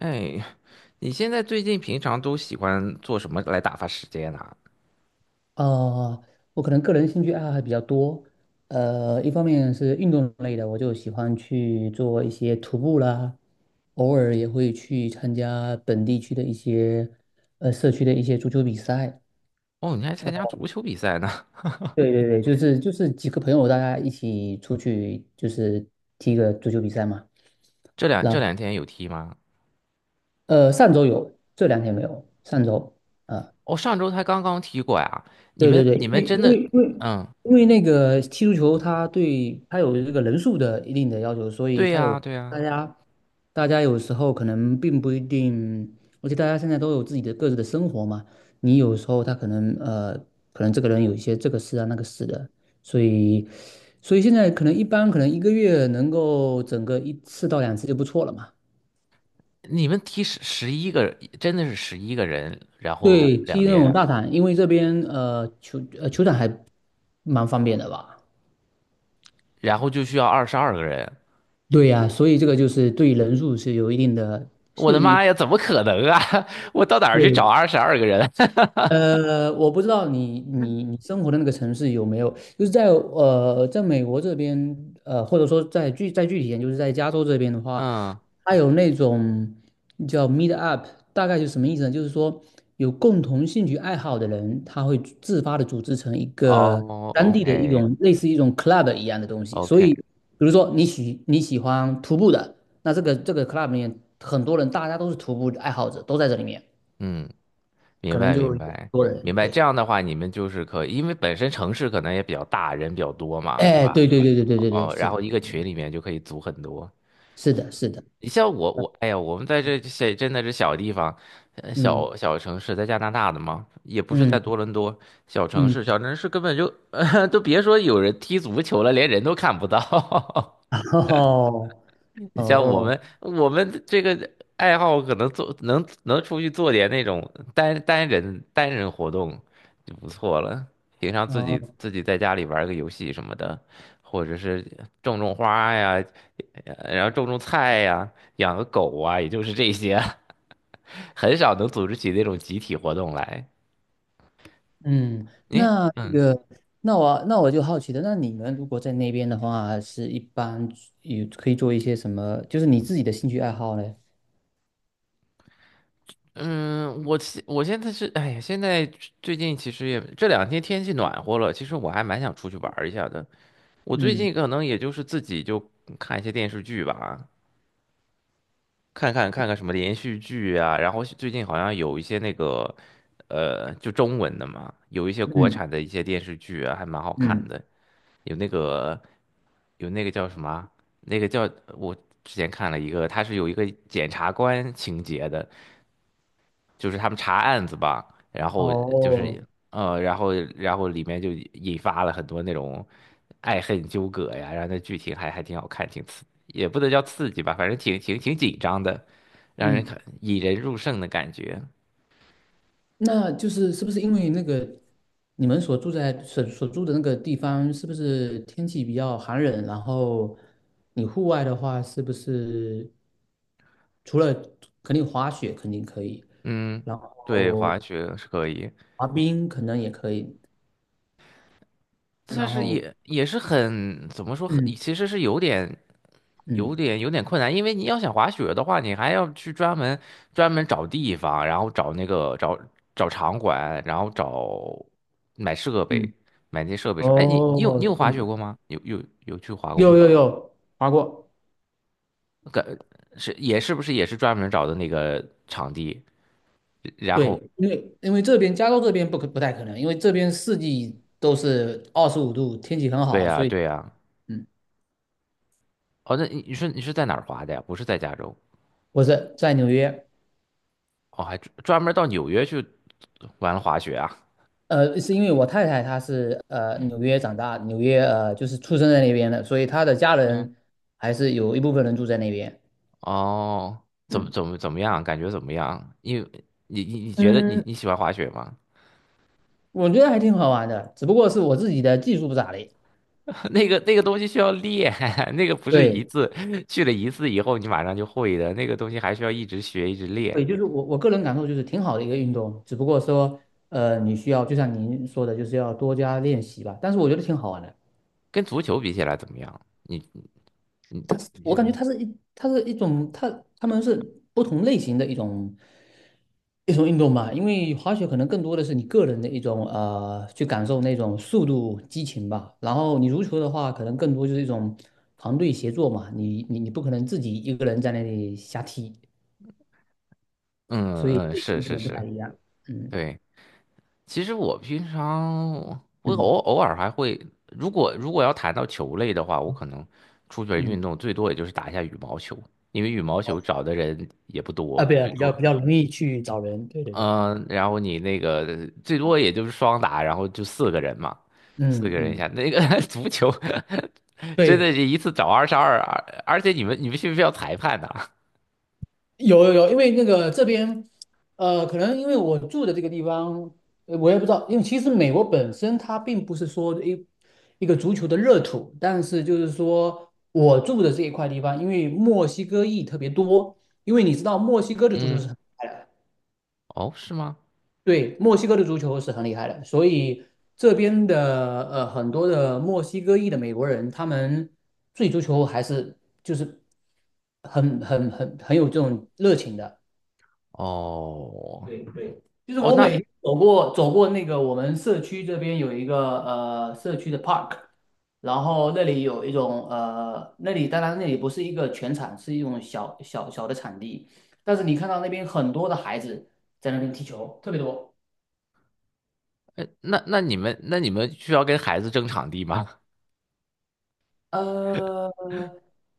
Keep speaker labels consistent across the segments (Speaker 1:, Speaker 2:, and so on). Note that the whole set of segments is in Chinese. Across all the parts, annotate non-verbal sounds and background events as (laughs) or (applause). Speaker 1: 哎，你现在最近平常都喜欢做什么来打发时间呢？
Speaker 2: 呃，我可能个人兴趣爱好还比较多，一方面是运动类的，我就喜欢去做一些徒步啦，偶尔也会去参加本地区的一些社区的一些足球比赛。
Speaker 1: 哦，你还参加
Speaker 2: 呃
Speaker 1: 足球比赛呢？
Speaker 2: 对对对，就是几个朋友大家一起出去，就是踢个足球比赛嘛。
Speaker 1: (laughs) 这两
Speaker 2: 然
Speaker 1: 这
Speaker 2: 后
Speaker 1: 两天有踢吗？
Speaker 2: 上周有，这两天没有，上周。啊。
Speaker 1: 哦，上周才刚刚踢过呀。你
Speaker 2: 对对
Speaker 1: 们
Speaker 2: 对，
Speaker 1: 你
Speaker 2: 因
Speaker 1: 们
Speaker 2: 为
Speaker 1: 真
Speaker 2: 因
Speaker 1: 的，
Speaker 2: 为因为
Speaker 1: 嗯，
Speaker 2: 因为那个踢足球，它有这个人数的一定的要求，所以
Speaker 1: 对
Speaker 2: 它
Speaker 1: 呀
Speaker 2: 有
Speaker 1: 对呀，
Speaker 2: 大家大家有时候可能并不一定，而且大家现在都有自己的各自的生活嘛，你有时候他可能这个人有一些这个事啊那个事的，所以所以现在可能一般可能1个月能够整个1次到2次就不错了嘛。
Speaker 1: 你们踢十一个，真的是11个人，然
Speaker 2: 对，
Speaker 1: 后两
Speaker 2: 踢那种
Speaker 1: 边，
Speaker 2: 大场，因为这边球场还蛮方便的吧。
Speaker 1: 然后就需要二十二个人。
Speaker 2: 对呀，所以这个就是对人数是有一定的，
Speaker 1: 我的妈呀，怎么可能啊？(laughs) 我到哪儿去找
Speaker 2: 对，
Speaker 1: 22个人？(laughs)
Speaker 2: 我不知道你生活的那个城市有没有，就是在美国这边，或者说在具体一点，就是在加州这边的话，
Speaker 1: 嗯，
Speaker 2: 它有那种叫 meet up，大概就是什么意思呢？就是说有共同兴趣爱好的人，他会自发的组织成一个
Speaker 1: 哦
Speaker 2: 当地的一
Speaker 1: ，OK
Speaker 2: 种类似一种 club 一样的东西。所
Speaker 1: OK，
Speaker 2: 以，比如说你喜欢徒步的，那这个 club 里面很多人，大家都是徒步爱好者，都在这里面，
Speaker 1: 嗯，明
Speaker 2: 可能
Speaker 1: 白
Speaker 2: 就
Speaker 1: 明
Speaker 2: 是有很
Speaker 1: 白
Speaker 2: 多
Speaker 1: 明
Speaker 2: 人。
Speaker 1: 白。这
Speaker 2: 对，
Speaker 1: 样的话，你们就是可以，因为本身城市可能也比较大，人比较多嘛，是
Speaker 2: 哎，
Speaker 1: 吧？
Speaker 2: 对对对对对对对，
Speaker 1: 哦，
Speaker 2: 是
Speaker 1: 然
Speaker 2: 的，
Speaker 1: 后一个群里面就可以组很多。
Speaker 2: 是的，是的，
Speaker 1: 你像我，哎呀，我们在这真的是小地方，
Speaker 2: 嗯
Speaker 1: 小城市，在加拿大的嘛，也不是
Speaker 2: 嗯
Speaker 1: 在多伦多，小城
Speaker 2: 嗯，
Speaker 1: 市小城市根本就，(laughs) 都别说有人踢足球了，连人都看不到。(laughs)
Speaker 2: (laughs) 哦
Speaker 1: 你
Speaker 2: 哦
Speaker 1: 像我
Speaker 2: 哦。
Speaker 1: 们，我们这个爱好可能能出去做点那种单人活动就不错了。平常自己
Speaker 2: 哦，
Speaker 1: 自己在家里玩个游戏什么的，或者是种种花呀，然后种种菜呀，养个狗啊，也就是这些，(laughs) 很少能组织起那种集体活动来。
Speaker 2: 嗯，
Speaker 1: 你
Speaker 2: 那这
Speaker 1: 嗯
Speaker 2: 个，那我就好奇的，那你们如果在那边的话，是一般有可以做一些什么？就是你自己的兴趣爱好呢？
Speaker 1: 嗯，我现在是，哎呀，现在最近其实也这两天天气暖和了，其实我还蛮想出去玩儿一下的。我最
Speaker 2: 嗯
Speaker 1: 近可能也就是自己就看一些电视剧吧，看看什么连续剧啊，然后最近好像有一些那个就中文的嘛，有一些国
Speaker 2: 嗯
Speaker 1: 产的一些电视剧啊，还蛮好看
Speaker 2: 嗯，
Speaker 1: 的，有那个有那个叫什么啊，那个叫我之前看了一个，它是有一个检察官情节的，就是他们查案子吧，然后就是
Speaker 2: 哦，
Speaker 1: 然后里面就引发了很多那种，爱恨纠葛呀，然后那剧情还挺好看，也不能叫刺激吧，反正挺紧张的，让人
Speaker 2: 嗯，
Speaker 1: 看引人入胜的感觉。
Speaker 2: 那就是是不是因为那个你们所住的那个地方，是不是天气比较寒冷？然后你户外的话，是不是除了肯定滑雪肯定可以，
Speaker 1: 嗯，
Speaker 2: 然
Speaker 1: 对，滑
Speaker 2: 后
Speaker 1: 雪是可以，
Speaker 2: 滑冰可能也可以，
Speaker 1: 但
Speaker 2: 然
Speaker 1: 是
Speaker 2: 后，
Speaker 1: 也是很怎么说，很
Speaker 2: 嗯
Speaker 1: 其实是有点
Speaker 2: 嗯
Speaker 1: 有点有点困难，因为你要想滑雪的话，你还要去专门找地方，然后找场馆，然后买设备，
Speaker 2: 嗯，
Speaker 1: 买那些设备什么。哎，你你有
Speaker 2: 哦，
Speaker 1: 你有滑雪
Speaker 2: 对，
Speaker 1: 过吗？有去滑过
Speaker 2: 有
Speaker 1: 吗？
Speaker 2: 有有划过，
Speaker 1: 个是也是不是也是专门找的那个场地？然后
Speaker 2: 对，因为这边加州这边不太可能，因为这边四季都是25度，天气很
Speaker 1: 对
Speaker 2: 好，
Speaker 1: 呀，
Speaker 2: 所以
Speaker 1: 对呀。
Speaker 2: 嗯，
Speaker 1: 哦，那你是在哪儿滑的呀？不是在加州
Speaker 2: 不是在纽约，
Speaker 1: 哦，还专门到纽约去玩滑雪啊？
Speaker 2: 是因为我太太她是纽约长大，纽约就是出生在那边的，所以她的家
Speaker 1: 嗯，
Speaker 2: 人还是有一部分人住在那边，
Speaker 1: 哦，怎么
Speaker 2: 嗯，
Speaker 1: 怎么怎么样？感觉怎么样？因为你你你觉得你
Speaker 2: 嗯，
Speaker 1: 你喜欢滑雪吗？
Speaker 2: 我觉得还挺好玩的，只不过是我自己的技术不咋地，
Speaker 1: (laughs) 那个东西需要练，(laughs) 那个不是一
Speaker 2: 对，
Speaker 1: 次去了一次以后你马上就会的，那个东西还需要一直学一直练。
Speaker 2: 对，就是我个人感受就是挺好的一个运动，只不过说，你需要就像您说的，就是要多加练习吧。但是我觉得挺好玩的，
Speaker 1: 跟足球比起来怎么样？你你
Speaker 2: 我
Speaker 1: 觉
Speaker 2: 感觉
Speaker 1: 得？
Speaker 2: 它是一种它它们是不同类型的一种运动吧。因为滑雪可能更多的是你个人的一种去感受那种速度激情吧。然后你足球的话，可能更多就是一种团队协作嘛。你不可能自己一个人在那里瞎踢，
Speaker 1: 嗯嗯，
Speaker 2: 类
Speaker 1: 是
Speaker 2: 型可
Speaker 1: 是
Speaker 2: 能不太
Speaker 1: 是，
Speaker 2: 一样。嗯
Speaker 1: 对。其实我平常我
Speaker 2: 嗯
Speaker 1: 偶尔还会，如果要谈到球类的话，我可能出去
Speaker 2: 嗯。
Speaker 1: 运动最多也就是打一下羽毛球，因为羽毛球找的人也不
Speaker 2: 啊，
Speaker 1: 多，
Speaker 2: 对啊，
Speaker 1: 最
Speaker 2: 比较
Speaker 1: 多
Speaker 2: 比较容易去找人，对对对，
Speaker 1: 嗯，然后你那个最多也就是双打，然后就四个人嘛，四
Speaker 2: 嗯
Speaker 1: 个人一
Speaker 2: 嗯，
Speaker 1: 下。那个 (laughs) 足球真的
Speaker 2: 对，
Speaker 1: 是一次找二十二，而且你们需不需要裁判呢？
Speaker 2: 有有有，因为那个这边，可能因为我住的这个地方，我也不知道，因为其实美国本身它并不是说一个足球的热土，但是就是说我住的这一块地方，因为墨西哥裔特别多，因为你知道墨西哥
Speaker 1: (laughs)
Speaker 2: 的足球
Speaker 1: 嗯，
Speaker 2: 是很厉害的，
Speaker 1: 哦，是吗？
Speaker 2: 对，墨西哥的足球是很厉害的，所以这边的很多的墨西哥裔的美国人，他们对足球还是就是很有这种热情的。
Speaker 1: 哦
Speaker 2: 对对，就是
Speaker 1: 哦，
Speaker 2: 我
Speaker 1: 那
Speaker 2: 每天走过那个我们社区这边有一个社区的 park，然后那里有那里当然那里不是一个全场，是一种小小的场地，但是你看到那边很多的孩子在那边踢球，特别多。
Speaker 1: 呃那那你们那你们需要跟孩子争场地吗？
Speaker 2: 呃，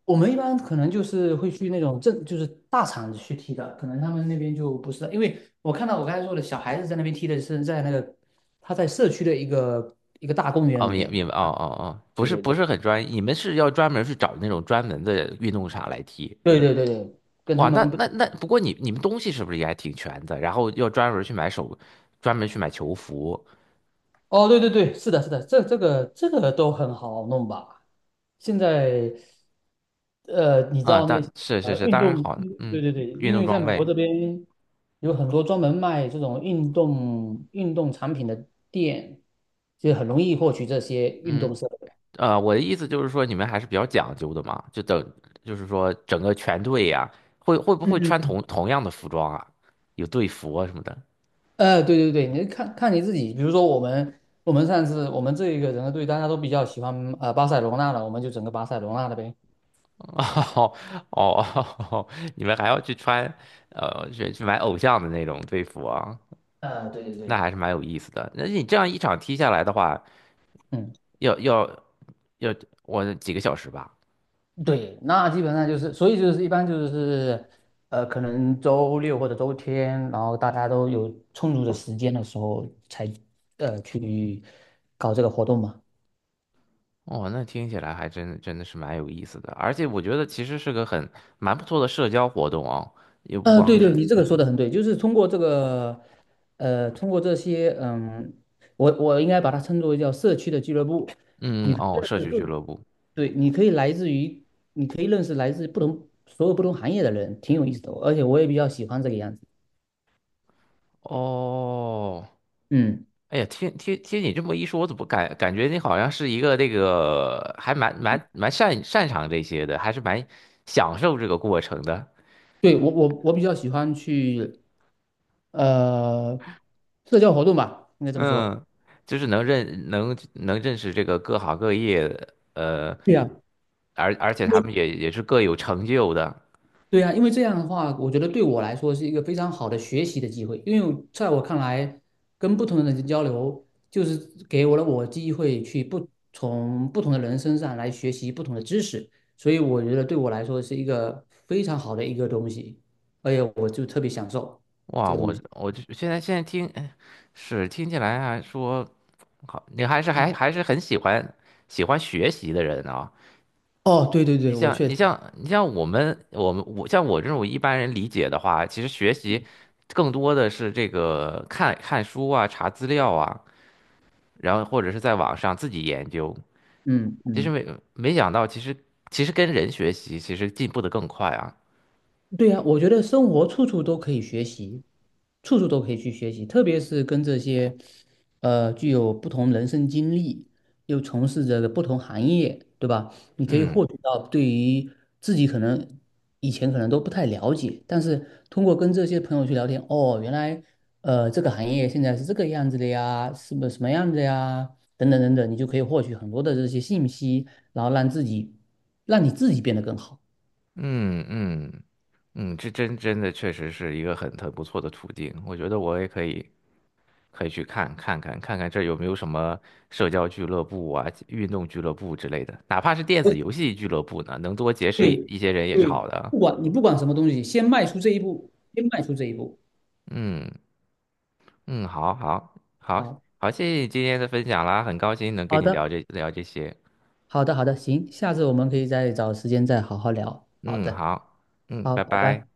Speaker 2: 我们一般可能就是会去那种就是大厂子去踢的，可能他们那边就不是，因为我看到我刚才说的小孩子在那边踢的是在那个他在社区的一个大公园
Speaker 1: 哦，
Speaker 2: 里
Speaker 1: 明
Speaker 2: 面，
Speaker 1: 明白，哦哦哦，不
Speaker 2: 对
Speaker 1: 是
Speaker 2: 对
Speaker 1: 不
Speaker 2: 对，
Speaker 1: 是很专业，你们是要专门去找那种专门的运动场来踢。
Speaker 2: 对对对对，跟他
Speaker 1: 哇，那
Speaker 2: 们不，
Speaker 1: 那那，不过你们东西是不是也还挺全的？然后要专门去买球服
Speaker 2: 哦，对对对，是的，是的，这个都很好弄吧？现在，你知
Speaker 1: 啊，
Speaker 2: 道那些
Speaker 1: 是是是，
Speaker 2: 运
Speaker 1: 当然
Speaker 2: 动，
Speaker 1: 好，
Speaker 2: 对
Speaker 1: 嗯，
Speaker 2: 对对，
Speaker 1: 运
Speaker 2: 因
Speaker 1: 动
Speaker 2: 为在
Speaker 1: 装
Speaker 2: 美
Speaker 1: 备，
Speaker 2: 国这边有很多专门卖这种运动产品的店，就很容易获取这些运
Speaker 1: 嗯，
Speaker 2: 动设备。
Speaker 1: 我的意思就是说你们还是比较讲究的嘛，就是说整个全队呀，会不会
Speaker 2: 嗯，
Speaker 1: 穿同样的服装啊？有队服啊什么的？
Speaker 2: 对对对，你看看你自己，比如说我们上次我们这一个整个队大家都比较喜欢巴塞罗那了，我们就整个巴塞罗那的呗。
Speaker 1: 哦哦，(laughs) 你们还要去穿，去买偶像的那种队服啊，
Speaker 2: 对对
Speaker 1: 那
Speaker 2: 对。
Speaker 1: 还是蛮有意思的。那你这样一场踢下来的话，
Speaker 2: 嗯。
Speaker 1: 要要要几个小时吧？
Speaker 2: 对，那基本上就是，所以就是一般就是，可能周六或者周天，然后大家都有充足的时间的时候才，去搞这个活动嘛。
Speaker 1: 哦，那听起来还真的是蛮有意思的，而且我觉得其实是个很蛮不错的社交活动啊，也不
Speaker 2: 对
Speaker 1: 光
Speaker 2: 对，
Speaker 1: 是，
Speaker 2: 你这个说的很对，就是通过这个，通过这些，嗯，我应该把它称作为叫社区的俱乐部，
Speaker 1: 嗯，
Speaker 2: 你可以
Speaker 1: 哦，
Speaker 2: 认
Speaker 1: 社
Speaker 2: 识
Speaker 1: 区俱乐部，
Speaker 2: 对，你可以来自于，你可以认识来自不同所有不同行业的人，挺有意思的哦，而且我也比较喜欢这个样子，
Speaker 1: 哦。
Speaker 2: 嗯。
Speaker 1: 哎呀，听听你这么一说，我怎么感觉你好像是一个这个还蛮擅长这些的，还是蛮享受这个过程的。
Speaker 2: 对，我比较喜欢去，呃社交活动吧，应该这么说。
Speaker 1: 嗯，就是能认识这个各行各业的，
Speaker 2: 对呀，
Speaker 1: 而且
Speaker 2: 因
Speaker 1: 他
Speaker 2: 为
Speaker 1: 们也是各有成就的。
Speaker 2: 对呀，因为这样的话，我觉得对我来说是一个非常好的学习的机会。因为在我看来，跟不同的人交流，就是给我了我机会去不从不同的人身上来学习不同的知识，所以我觉得对我来说是一个非常好的一个东西，而且我就特别享受这
Speaker 1: 哇，
Speaker 2: 个东
Speaker 1: 我
Speaker 2: 西。
Speaker 1: 我就现在听，是听起来还说好，你还是还
Speaker 2: 嗯，
Speaker 1: 还是很喜欢学习的人啊。
Speaker 2: 哦，对对
Speaker 1: 你
Speaker 2: 对，我
Speaker 1: 像
Speaker 2: 确
Speaker 1: 你
Speaker 2: 实，
Speaker 1: 像你像我们我们我像我这种一般人理解的话，其实学习更多的是这个看看书啊，查资料啊，然后或者是在网上自己研究。
Speaker 2: 嗯
Speaker 1: 其实
Speaker 2: 嗯。
Speaker 1: 没想到，其实跟人学习，其实进步的更快啊。
Speaker 2: 对呀，我觉得生活处处都可以学习，处处都可以去学习，特别是跟这些，具有不同人生经历，又从事着不同行业，对吧？你可以
Speaker 1: 嗯
Speaker 2: 获取到对于自己可能以前可能都不太了解，但是通过跟这些朋友去聊天，哦，原来，这个行业现在是这个样子的呀，是不什么样子呀？等等等等，你就可以获取很多的这些信息，然后让自己，让你自己变得更好。
Speaker 1: 嗯嗯嗯，这真的确实是一个很不错的途径。我觉得我也可以去看看这儿有没有什么社交俱乐部啊，运动俱乐部之类的，哪怕是电子游戏俱乐部呢，能多结识一
Speaker 2: 对
Speaker 1: 一些人也是
Speaker 2: 对，
Speaker 1: 好的。
Speaker 2: 不管什么东西，先迈出这一步，先迈出这一步。
Speaker 1: 嗯嗯，好好好
Speaker 2: 好，
Speaker 1: 好，谢谢你今天的分享啦，很高兴能跟
Speaker 2: 好
Speaker 1: 你聊
Speaker 2: 的，
Speaker 1: 这聊这些。
Speaker 2: 好的，好的，行，下次我们可以再找时间再好好聊。好
Speaker 1: 嗯，
Speaker 2: 的，
Speaker 1: 好，嗯，
Speaker 2: 好，
Speaker 1: 拜
Speaker 2: 拜
Speaker 1: 拜。
Speaker 2: 拜。